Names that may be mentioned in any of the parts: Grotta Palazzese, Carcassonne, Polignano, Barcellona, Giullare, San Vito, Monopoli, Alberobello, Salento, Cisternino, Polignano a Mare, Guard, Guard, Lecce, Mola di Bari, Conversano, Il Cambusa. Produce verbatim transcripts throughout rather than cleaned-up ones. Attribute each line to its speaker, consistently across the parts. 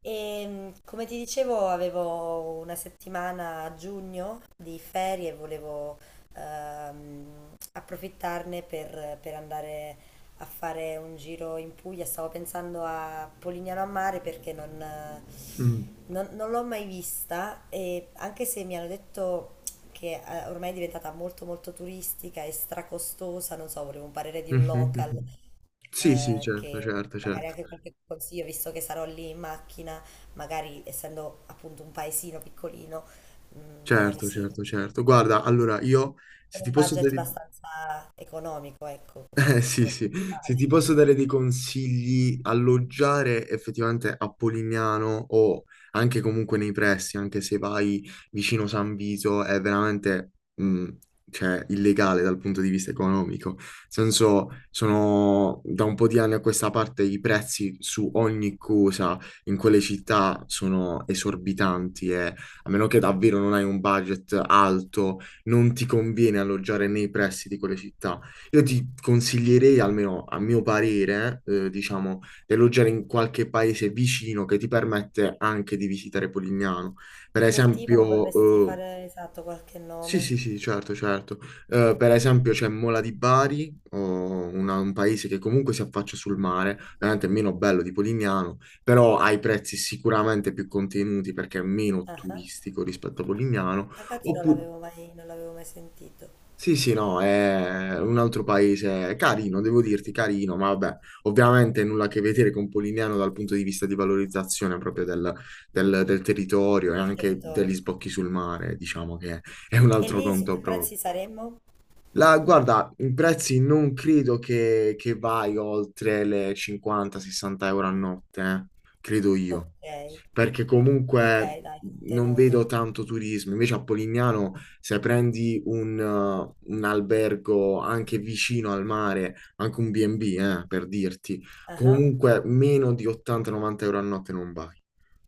Speaker 1: E mh, come ti dicevo, avevo una settimana a giugno di ferie e volevo ehm, approfittarne per, per andare a fare un giro in Puglia. Stavo pensando a Polignano a Mare perché non, eh,
Speaker 2: Mm,
Speaker 1: non- non l'ho mai vista, e anche se mi hanno detto che eh, ormai è diventata molto molto turistica e stracostosa, non so, volevo un parere di un
Speaker 2: mhm,
Speaker 1: local,
Speaker 2: mhm. Sì, sì,
Speaker 1: eh,
Speaker 2: certo,
Speaker 1: che
Speaker 2: certo,
Speaker 1: magari
Speaker 2: certo,
Speaker 1: anche qualche consiglio, visto che sarò lì in macchina, magari essendo appunto un paesino piccolino, mm, magari
Speaker 2: certo,
Speaker 1: sì,
Speaker 2: certo, certo. Guarda, allora io, se
Speaker 1: con
Speaker 2: ti
Speaker 1: un
Speaker 2: posso
Speaker 1: budget
Speaker 2: dare,
Speaker 1: abbastanza economico, ecco,
Speaker 2: Eh,
Speaker 1: come,
Speaker 2: sì,
Speaker 1: come
Speaker 2: sì, se ti
Speaker 1: principale.
Speaker 2: posso dare dei consigli. Alloggiare effettivamente a Polignano o anche comunque nei pressi, anche se vai vicino San Vito, è veramente, mh, cioè, illegale dal punto di vista economico. Nel senso, sono da un po' di anni a questa parte i prezzi su ogni cosa in quelle città sono esorbitanti e, a meno che davvero non hai un budget alto, non ti conviene alloggiare nei pressi di quelle città. Io ti consiglierei, almeno a mio parere, eh, diciamo, di alloggiare in qualche paese vicino che ti permette anche di visitare Polignano. Per
Speaker 1: Del tipo mi potresti
Speaker 2: esempio, eh,
Speaker 1: fare esatto qualche
Speaker 2: sì,
Speaker 1: nome?
Speaker 2: sì, sì, certo, certo. Eh, per esempio c'è Mola di Bari, o una- un paese che comunque si affaccia sul mare, veramente meno bello di Polignano, però ha i prezzi sicuramente più contenuti perché è meno
Speaker 1: Ah, ah.
Speaker 2: turistico rispetto a Polignano.
Speaker 1: Infatti non
Speaker 2: Oppure
Speaker 1: l'avevo mai, non l'avevo mai sentito,
Speaker 2: sì, sì, no, è un altro paese, è carino, devo dirti carino, ma vabbè, ovviamente nulla a che vedere con Polignano dal punto di vista di valorizzazione proprio del, del- del territorio e
Speaker 1: il
Speaker 2: anche degli
Speaker 1: territorio.
Speaker 2: sbocchi sul mare, diciamo che è un
Speaker 1: E
Speaker 2: altro
Speaker 1: lì su
Speaker 2: conto
Speaker 1: che
Speaker 2: proprio.
Speaker 1: prezzi saremmo?
Speaker 2: La, guarda, i prezzi non credo che, che vai oltre le cinquanta-sessanta euro a notte, eh, credo io,
Speaker 1: Ok,
Speaker 2: perché comunque
Speaker 1: ok, dai,
Speaker 2: non
Speaker 1: contenuto.
Speaker 2: vedo tanto turismo. Invece a Polignano, se prendi un, eh, un albergo anche vicino al mare, anche un B e B, eh, per dirti,
Speaker 1: Ah ah.
Speaker 2: comunque meno di ottanta-novanta euro a notte non vai,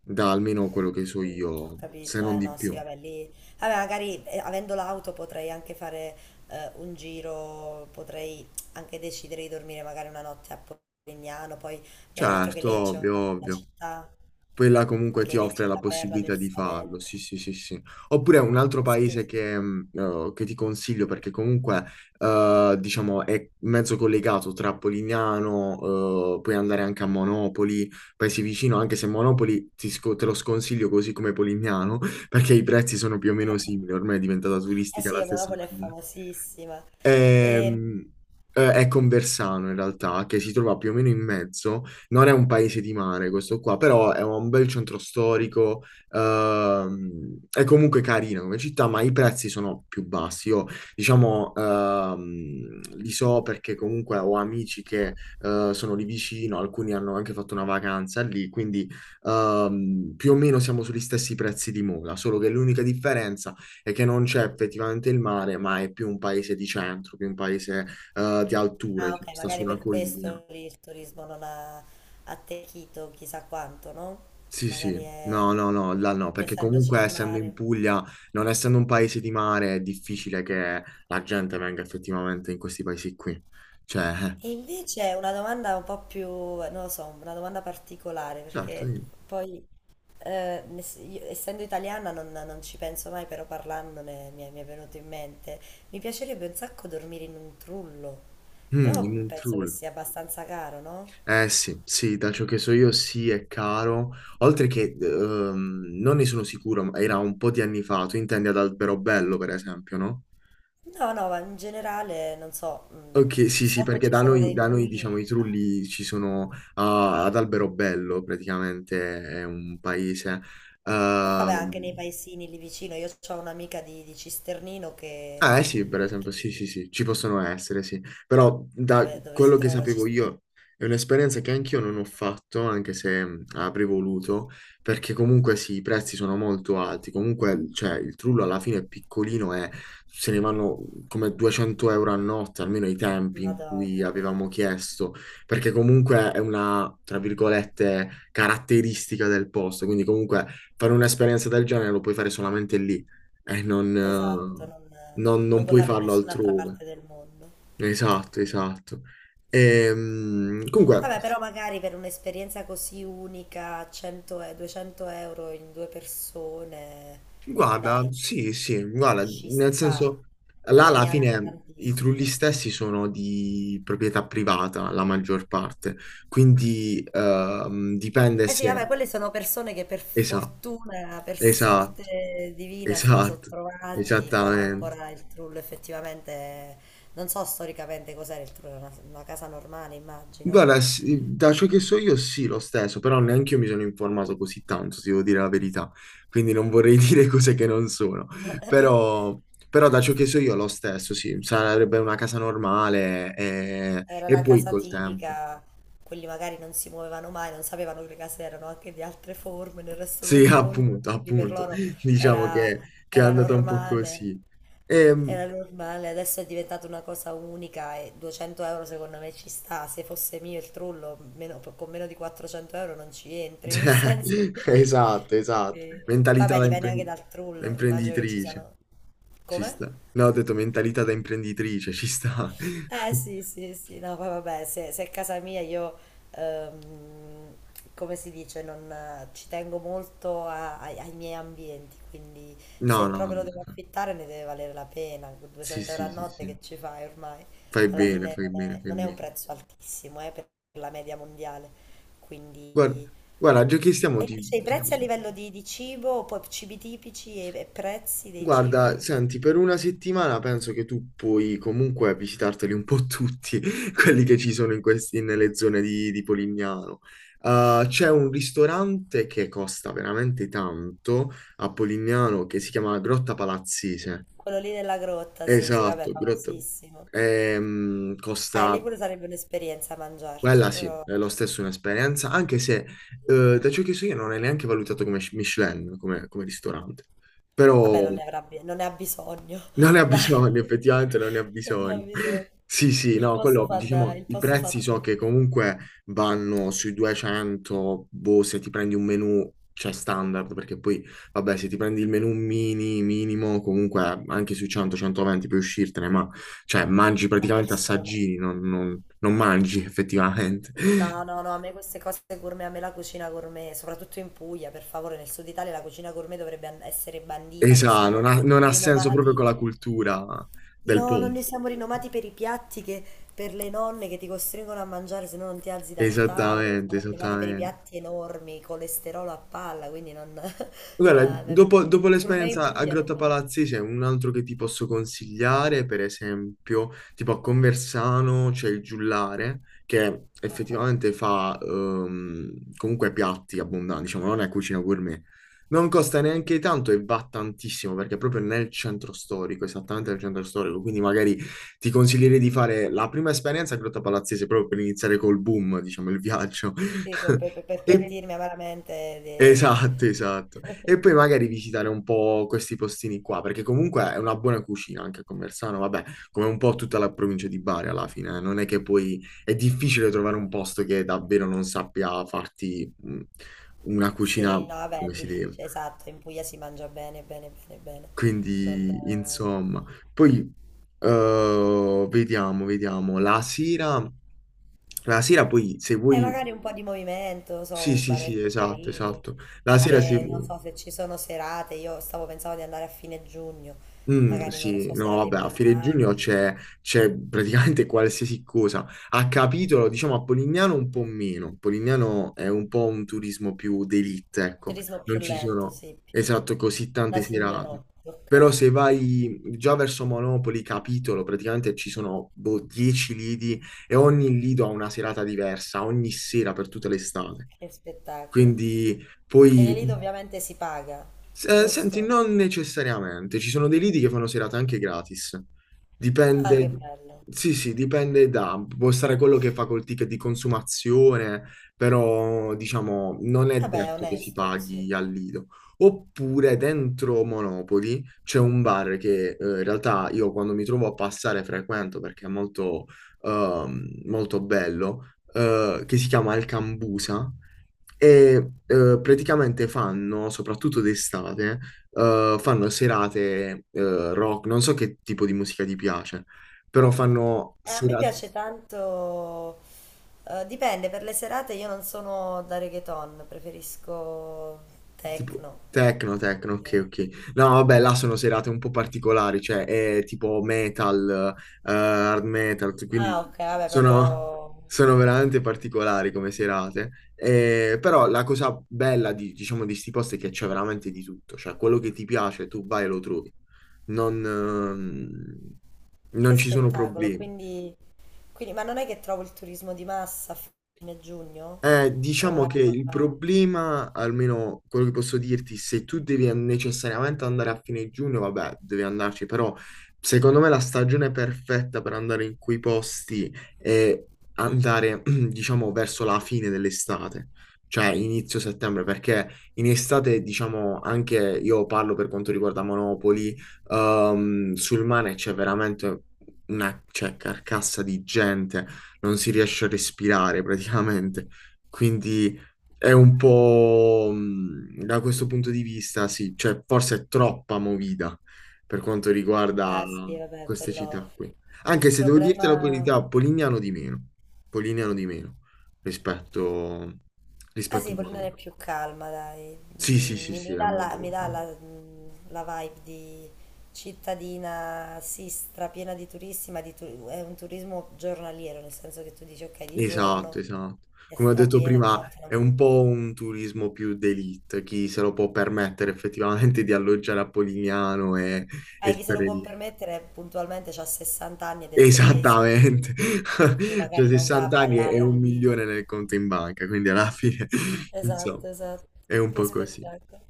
Speaker 2: da almeno quello che so
Speaker 1: Mm, ho
Speaker 2: io, se
Speaker 1: capito,
Speaker 2: non
Speaker 1: eh
Speaker 2: di
Speaker 1: no, sì,
Speaker 2: più.
Speaker 1: vabbè, lì, vabbè, magari eh, avendo l'auto potrei anche fare eh, un giro, potrei anche decidere di dormire magari una notte a Polignano, poi mi hanno detto che
Speaker 2: Certo,
Speaker 1: Lecce è
Speaker 2: ovvio,
Speaker 1: una bella
Speaker 2: ovvio.
Speaker 1: città,
Speaker 2: Quella comunque
Speaker 1: che
Speaker 2: ti
Speaker 1: Lecce
Speaker 2: offre
Speaker 1: è
Speaker 2: la
Speaker 1: la perla del
Speaker 2: possibilità di farlo,
Speaker 1: Salento.
Speaker 2: sì, sì, sì, sì. Oppure un altro
Speaker 1: Sì,
Speaker 2: paese
Speaker 1: sì, sì.
Speaker 2: che, mh, eh, che ti consiglio perché comunque, eh, diciamo, è mezzo collegato tra Polignano. Eh, puoi andare anche a Monopoli, paesi vicino, anche se Monopoli ti sco- te lo sconsiglio così come Polignano, perché i prezzi sono più o meno simili, ormai è diventata
Speaker 1: Eh
Speaker 2: turistica la
Speaker 1: sì,
Speaker 2: stessa
Speaker 1: Monopoli è
Speaker 2: maniera.
Speaker 1: famosissima.
Speaker 2: Ehm,
Speaker 1: Ehm,
Speaker 2: eh, è Conversano in realtà, che si trova più o meno in mezzo. Non è un paese di mare questo qua, però è un bel centro storico, ehm, è comunque carina come città, ma i prezzi sono più bassi. Io diciamo ehm, li so perché comunque ho amici che eh, sono lì vicino, alcuni hanno anche fatto una vacanza lì, quindi ehm, più o meno siamo sugli stessi prezzi di Mola, solo che l'unica differenza e che non c'è effettivamente il mare, ma è più un paese di centro, più un paese eh, di alture,
Speaker 1: ah,
Speaker 2: che
Speaker 1: ok,
Speaker 2: sta su
Speaker 1: magari
Speaker 2: una
Speaker 1: per
Speaker 2: collina.
Speaker 1: questo lì il turismo non ha attecchito chissà quanto, no?
Speaker 2: Sì, sì,
Speaker 1: Magari è,
Speaker 2: no, no, no, là no,
Speaker 1: non
Speaker 2: perché
Speaker 1: essendoci
Speaker 2: comunque
Speaker 1: il
Speaker 2: essendo in
Speaker 1: mare.
Speaker 2: Puglia, non essendo un paese di mare, è difficile che la gente venga effettivamente in questi paesi qui. Cioè, eh,
Speaker 1: E invece una domanda un po' più, non lo so, una domanda particolare,
Speaker 2: certo,
Speaker 1: perché
Speaker 2: dimmi.
Speaker 1: poi, eh, ne- io, essendo italiana, non, non ci penso mai, però parlandone mi è, mi è venuto in mente. Mi piacerebbe un sacco dormire in un trullo,
Speaker 2: Mm,
Speaker 1: però
Speaker 2: in un
Speaker 1: penso che
Speaker 2: trul.
Speaker 1: sia abbastanza caro, no?
Speaker 2: Eh sì, sì, da ciò che so io sì, è caro. Oltre che, ehm, non ne sono sicuro, ma era un po' di anni fa. Tu intendi ad Alberobello, per esempio, no?
Speaker 1: No, no, ma in generale, non so,
Speaker 2: Ok,
Speaker 1: mh,
Speaker 2: sì, sì,
Speaker 1: so che
Speaker 2: perché
Speaker 1: ci
Speaker 2: da
Speaker 1: sono
Speaker 2: noi,
Speaker 1: dei
Speaker 2: da noi,
Speaker 1: trulli,
Speaker 2: diciamo, i trulli ci sono, ah, ad Alberobello, praticamente è un paese.
Speaker 1: però
Speaker 2: Ehm,
Speaker 1: vabbè, anche nei paesini lì vicino, io ho un'amica di, di Cisternino che,
Speaker 2: Ah, eh sì, per esempio,
Speaker 1: che-
Speaker 2: sì, sì, sì, ci possono essere, sì. Però da
Speaker 1: dove, dove si
Speaker 2: quello che
Speaker 1: trova
Speaker 2: sapevo
Speaker 1: Cisternino,
Speaker 2: io, è un'esperienza che anch'io non ho fatto, anche se mh, avrei voluto, perché comunque sì, i prezzi sono molto alti. Comunque, cioè, il trullo alla fine è piccolino e se ne vanno come duecento euro a notte, almeno ai tempi in cui
Speaker 1: Madonna mia.
Speaker 2: avevamo chiesto, perché comunque è una, tra virgolette, caratteristica del posto. Quindi comunque fare un'esperienza del genere lo puoi fare solamente lì. E non,
Speaker 1: Esatto,
Speaker 2: eh,
Speaker 1: non,
Speaker 2: non, non
Speaker 1: non puoi
Speaker 2: puoi
Speaker 1: farlo in
Speaker 2: farlo
Speaker 1: nessun'altra
Speaker 2: altrove.
Speaker 1: parte del mondo.
Speaker 2: Esatto, esatto. Ehm, comunque,
Speaker 1: Vabbè, però magari per un'esperienza così unica, cento e duecento euro in due persone,
Speaker 2: guarda,
Speaker 1: dai,
Speaker 2: sì, sì, guarda,
Speaker 1: ci
Speaker 2: nel
Speaker 1: sta,
Speaker 2: senso, là
Speaker 1: non è
Speaker 2: alla
Speaker 1: neanche
Speaker 2: fine i trulli
Speaker 1: tantissimo.
Speaker 2: stessi sono di proprietà privata, la maggior parte, quindi ehm, dipende
Speaker 1: Eh sì,
Speaker 2: se...
Speaker 1: vabbè, quelle sono persone che per
Speaker 2: Esatto,
Speaker 1: fortuna, per
Speaker 2: esatto,
Speaker 1: sorte divina, se li sono
Speaker 2: esatto,
Speaker 1: trovati quando
Speaker 2: esattamente.
Speaker 1: ancora il trullo effettivamente, non so storicamente cos'era il trullo, era una, una casa normale, immagino.
Speaker 2: Guarda, sì, da ciò che so io sì, lo stesso, però neanche io mi sono informato così tanto, se devo dire la verità, quindi non vorrei dire cose che non sono, però, però da ciò che so io lo stesso, sì, sarebbe una casa normale e,
Speaker 1: Era
Speaker 2: e
Speaker 1: la
Speaker 2: poi
Speaker 1: casa
Speaker 2: col tempo.
Speaker 1: tipica, quelli magari non si muovevano mai, non sapevano che le case erano anche di altre forme nel resto
Speaker 2: Sì,
Speaker 1: del mondo,
Speaker 2: appunto,
Speaker 1: quindi per
Speaker 2: appunto,
Speaker 1: loro
Speaker 2: diciamo
Speaker 1: era,
Speaker 2: che, che è
Speaker 1: era
Speaker 2: andata un po'
Speaker 1: normale,
Speaker 2: così. Ehm,
Speaker 1: era normale, adesso è diventata una cosa unica e duecento euro secondo me ci sta, se fosse mio il trullo meno- con meno di quattrocento euro non ci entri, nel senso
Speaker 2: cioè,
Speaker 1: che...
Speaker 2: esatto, esatto,
Speaker 1: che-
Speaker 2: mentalità
Speaker 1: Vabbè,
Speaker 2: da
Speaker 1: dipende anche
Speaker 2: impren-
Speaker 1: dal
Speaker 2: da
Speaker 1: trullo, immagino che ci
Speaker 2: imprenditrice.
Speaker 1: siano...
Speaker 2: Ci
Speaker 1: Come?
Speaker 2: sta. No, ho detto mentalità da imprenditrice, ci sta.
Speaker 1: Eh sì, sì, sì, no, poi vabbè, se, se è casa mia io, ehm, come si dice, non, eh, ci tengo molto a- ai, ai miei ambienti, quindi
Speaker 2: No,
Speaker 1: se
Speaker 2: no,
Speaker 1: proprio lo devo
Speaker 2: vabbè.
Speaker 1: affittare ne deve valere la pena,
Speaker 2: Sì,
Speaker 1: duecento euro a
Speaker 2: sì, sì,
Speaker 1: notte
Speaker 2: sì.
Speaker 1: che ci fai ormai?
Speaker 2: Fai
Speaker 1: Alla
Speaker 2: bene,
Speaker 1: fine
Speaker 2: fai
Speaker 1: non
Speaker 2: bene,
Speaker 1: è,
Speaker 2: fai
Speaker 1: non è un
Speaker 2: bene.
Speaker 1: prezzo altissimo, eh, per la media mondiale,
Speaker 2: Guarda,
Speaker 1: quindi...
Speaker 2: guarda, già che stiamo,
Speaker 1: E
Speaker 2: ti,
Speaker 1: invece i
Speaker 2: ti-
Speaker 1: prezzi a livello di, di cibo, poi cibi tipici e, e prezzi dei
Speaker 2: guarda,
Speaker 1: cibi?
Speaker 2: senti, per una settimana penso che tu puoi comunque visitarteli un po' tutti, quelli che ci sono in questi, nelle zone di, di Polignano. Uh, c'è un ristorante che costa veramente tanto a Polignano che si chiama Grotta Palazzese.
Speaker 1: Quello lì della grotta, sì, sì, vabbè,
Speaker 2: Esatto, Grotta
Speaker 1: famosissimo.
Speaker 2: ehm,
Speaker 1: Eh, lì
Speaker 2: Costa,
Speaker 1: pure sarebbe un'esperienza
Speaker 2: quella
Speaker 1: mangiarci,
Speaker 2: sì,
Speaker 1: però
Speaker 2: è lo stesso un'esperienza, anche se eh, da ciò che so io non è neanche valutato come Michelin, come, come ristorante, però
Speaker 1: vabbè, non ne avrà bi- non ne ha bisogno,
Speaker 2: non ne ha
Speaker 1: dai,
Speaker 2: bisogno, effettivamente non ne ha
Speaker 1: non ne ha
Speaker 2: bisogno.
Speaker 1: bisogno.
Speaker 2: Sì, sì,
Speaker 1: Il
Speaker 2: no,
Speaker 1: posto
Speaker 2: quello,
Speaker 1: fa, da-
Speaker 2: diciamo,
Speaker 1: il
Speaker 2: i
Speaker 1: posto fa
Speaker 2: prezzi so che
Speaker 1: tutto,
Speaker 2: comunque vanno sui duecento, boh, se ti prendi un menù, cioè standard, perché poi, vabbè, se ti prendi il menù mini, minimo, comunque anche sui cento a centoventi puoi uscirtene, ma cioè mangi
Speaker 1: a
Speaker 2: praticamente
Speaker 1: persone.
Speaker 2: assaggini, non, non- non mangi effettivamente.
Speaker 1: No, no, no, a me queste cose gourmet, a me la cucina gourmet, soprattutto in Puglia, per favore, nel sud Italia la cucina gourmet dovrebbe an- essere bandita. Noi
Speaker 2: Esatto, non
Speaker 1: siamo
Speaker 2: ha, non ha senso proprio
Speaker 1: rinomati.
Speaker 2: con la cultura del
Speaker 1: No, non ne
Speaker 2: posto.
Speaker 1: siamo rinomati per i piatti che per le nonne che ti costringono a mangiare se no non ti alzi dal tavolo.
Speaker 2: Esattamente,
Speaker 1: Siamo rinomati per i
Speaker 2: esattamente.
Speaker 1: piatti enormi, colesterolo a palla, quindi non...
Speaker 2: Guarda,
Speaker 1: eh,
Speaker 2: dopo, dopo
Speaker 1: Gourmet in
Speaker 2: l'esperienza a
Speaker 1: Puglia non
Speaker 2: Grotta
Speaker 1: mangio.
Speaker 2: Palazzi c'è un altro che ti posso consigliare, per esempio, tipo a Conversano c'è il Giullare, che
Speaker 1: Ah,
Speaker 2: effettivamente fa ehm, comunque piatti abbondanti, diciamo, non è cucina gourmet. Non costa neanche tanto e va tantissimo, perché è proprio nel centro storico, esattamente nel centro storico, quindi magari ti consiglierei di fare la prima esperienza a Grotta Palazzese proprio per iniziare col boom, diciamo, il viaggio.
Speaker 1: sì, per, per- per
Speaker 2: E
Speaker 1: pentirmi amaramente
Speaker 2: Esatto, esatto.
Speaker 1: di...
Speaker 2: E poi magari visitare un po' questi postini qua, perché comunque è una buona cucina anche a Conversano, vabbè, come un po' tutta la provincia di Bari alla fine, eh. Non è che poi è difficile trovare un posto che davvero non sappia farti mh, una cucina
Speaker 1: Sì, no, vabbè, è
Speaker 2: come si deve.
Speaker 1: difficile, esatto, in Puglia si mangia bene, bene, bene, bene. Non...
Speaker 2: Quindi,
Speaker 1: eh,
Speaker 2: insomma, poi eh, vediamo, vediamo. La sera, la sera poi se
Speaker 1: E
Speaker 2: vuoi...
Speaker 1: magari un po' di movimento, non
Speaker 2: Sì,
Speaker 1: so,
Speaker 2: sì, sì,
Speaker 1: baretti
Speaker 2: esatto,
Speaker 1: carini,
Speaker 2: esatto. La sera se...
Speaker 1: anche non
Speaker 2: Ok.
Speaker 1: so se ci sono serate, io stavo pensando di andare a fine giugno,
Speaker 2: Mm,
Speaker 1: magari non lo
Speaker 2: sì,
Speaker 1: so,
Speaker 2: no,
Speaker 1: serate
Speaker 2: vabbè, a fine giugno
Speaker 1: importanti.
Speaker 2: c'è c'è praticamente qualsiasi cosa. A capitolo, diciamo, a Polignano un po' meno. Polignano è un po' un turismo più d'élite, ecco.
Speaker 1: Turismo più
Speaker 2: Non ci
Speaker 1: lento,
Speaker 2: sono,
Speaker 1: sì, più
Speaker 2: esatto, così
Speaker 1: da
Speaker 2: tante serate.
Speaker 1: signorotti,
Speaker 2: Però
Speaker 1: ok,
Speaker 2: se vai già verso Monopoli, capitolo, praticamente ci sono boh, dieci lidi e ogni lido ha una serata diversa, ogni sera per tutta l'estate.
Speaker 1: che spettacolo.
Speaker 2: Quindi
Speaker 1: E nei lidi
Speaker 2: poi...
Speaker 1: ovviamente si paga,
Speaker 2: S- eh, senti,
Speaker 1: giusto?
Speaker 2: non necessariamente, ci sono dei lidi che fanno serate anche gratis. Eh,
Speaker 1: Ah, che
Speaker 2: Dipende,
Speaker 1: bello.
Speaker 2: sì, sì, dipende da, può stare quello che fa col ticket di consumazione, però diciamo non è
Speaker 1: Vabbè, è
Speaker 2: detto che si
Speaker 1: onesto così.
Speaker 2: paghi al lido. Oppure dentro Monopoli c'è un bar che eh, in realtà io quando mi trovo a passare frequento perché è molto, ehm, molto bello, eh, che si chiama Il Cambusa e eh, praticamente fanno, soprattutto d'estate, eh, fanno serate eh, rock. Non so che tipo di musica ti piace, però fanno
Speaker 1: E a me
Speaker 2: serate
Speaker 1: piace tanto, eh, dipende, per le serate io non sono da reggaeton, preferisco
Speaker 2: tipo
Speaker 1: techno.
Speaker 2: techno, techno, ok,
Speaker 1: Direi.
Speaker 2: ok. No, vabbè, là sono serate un po' particolari, cioè è tipo metal, eh, hard metal, quindi
Speaker 1: Ah, ok, vabbè,
Speaker 2: sono,
Speaker 1: proprio
Speaker 2: sono veramente particolari come serate. Eh, però la cosa bella di, diciamo, di sti posti è che c'è veramente di tutto, cioè quello che ti piace tu vai e lo trovi. non, ehm,
Speaker 1: che
Speaker 2: non ci sono
Speaker 1: spettacolo.
Speaker 2: problemi.
Speaker 1: Quindi, quindi- ma non è che trovo il turismo di massa a fine giugno?
Speaker 2: Eh,
Speaker 1: O
Speaker 2: diciamo
Speaker 1: è...
Speaker 2: che il problema, almeno quello che posso dirti, se tu devi necessariamente andare a fine giugno, vabbè, devi andarci, però secondo me la stagione perfetta per andare in quei posti è andare, diciamo, verso la fine dell'estate, cioè inizio settembre, perché in estate, diciamo, anche io parlo per quanto riguarda Monopoli, ehm, sul mare c'è veramente una, cioè, carcassa di gente, non si riesce a respirare praticamente. Quindi è un po' mh, da questo punto di vista, sì, cioè forse è troppa movida per quanto riguarda
Speaker 1: Ah, sì, vabbè,
Speaker 2: queste
Speaker 1: quello...
Speaker 2: città qui. Anche
Speaker 1: Il
Speaker 2: se devo dirti la
Speaker 1: problema...
Speaker 2: verità, Polignano di meno, Polignano di meno rispetto,
Speaker 1: Ah
Speaker 2: rispetto
Speaker 1: sì,
Speaker 2: a
Speaker 1: Polina
Speaker 2: Monaco.
Speaker 1: è più calma, dai.
Speaker 2: Sì, sì,
Speaker 1: Mm,
Speaker 2: sì,
Speaker 1: Mi,
Speaker 2: sì,
Speaker 1: mi
Speaker 2: è
Speaker 1: dà
Speaker 2: molto
Speaker 1: la, mi dà
Speaker 2: lontano.
Speaker 1: la- mm, la vibe di cittadina, sì, strapiena di turisti, ma di tu- è un turismo giornaliero, nel senso che tu dici, ok, di
Speaker 2: Esatto,
Speaker 1: giorno
Speaker 2: esatto.
Speaker 1: è
Speaker 2: Come ho detto
Speaker 1: strapiena, di
Speaker 2: prima,
Speaker 1: notte
Speaker 2: è
Speaker 1: non...
Speaker 2: un po' un turismo più d'élite, chi se lo può permettere effettivamente di alloggiare a Polignano e, e
Speaker 1: Ah, chi se lo
Speaker 2: stare
Speaker 1: può
Speaker 2: lì.
Speaker 1: permettere puntualmente ha sessanta anni ed è tedesco,
Speaker 2: Esattamente,
Speaker 1: quindi, quindi
Speaker 2: cioè
Speaker 1: magari non va a
Speaker 2: sessanta anni e e
Speaker 1: ballare al
Speaker 2: un
Speaker 1: Lido.
Speaker 2: milione nel conto in banca, quindi alla fine, insomma,
Speaker 1: Esatto, esatto.
Speaker 2: è un
Speaker 1: Che
Speaker 2: po' così.
Speaker 1: spettacolo.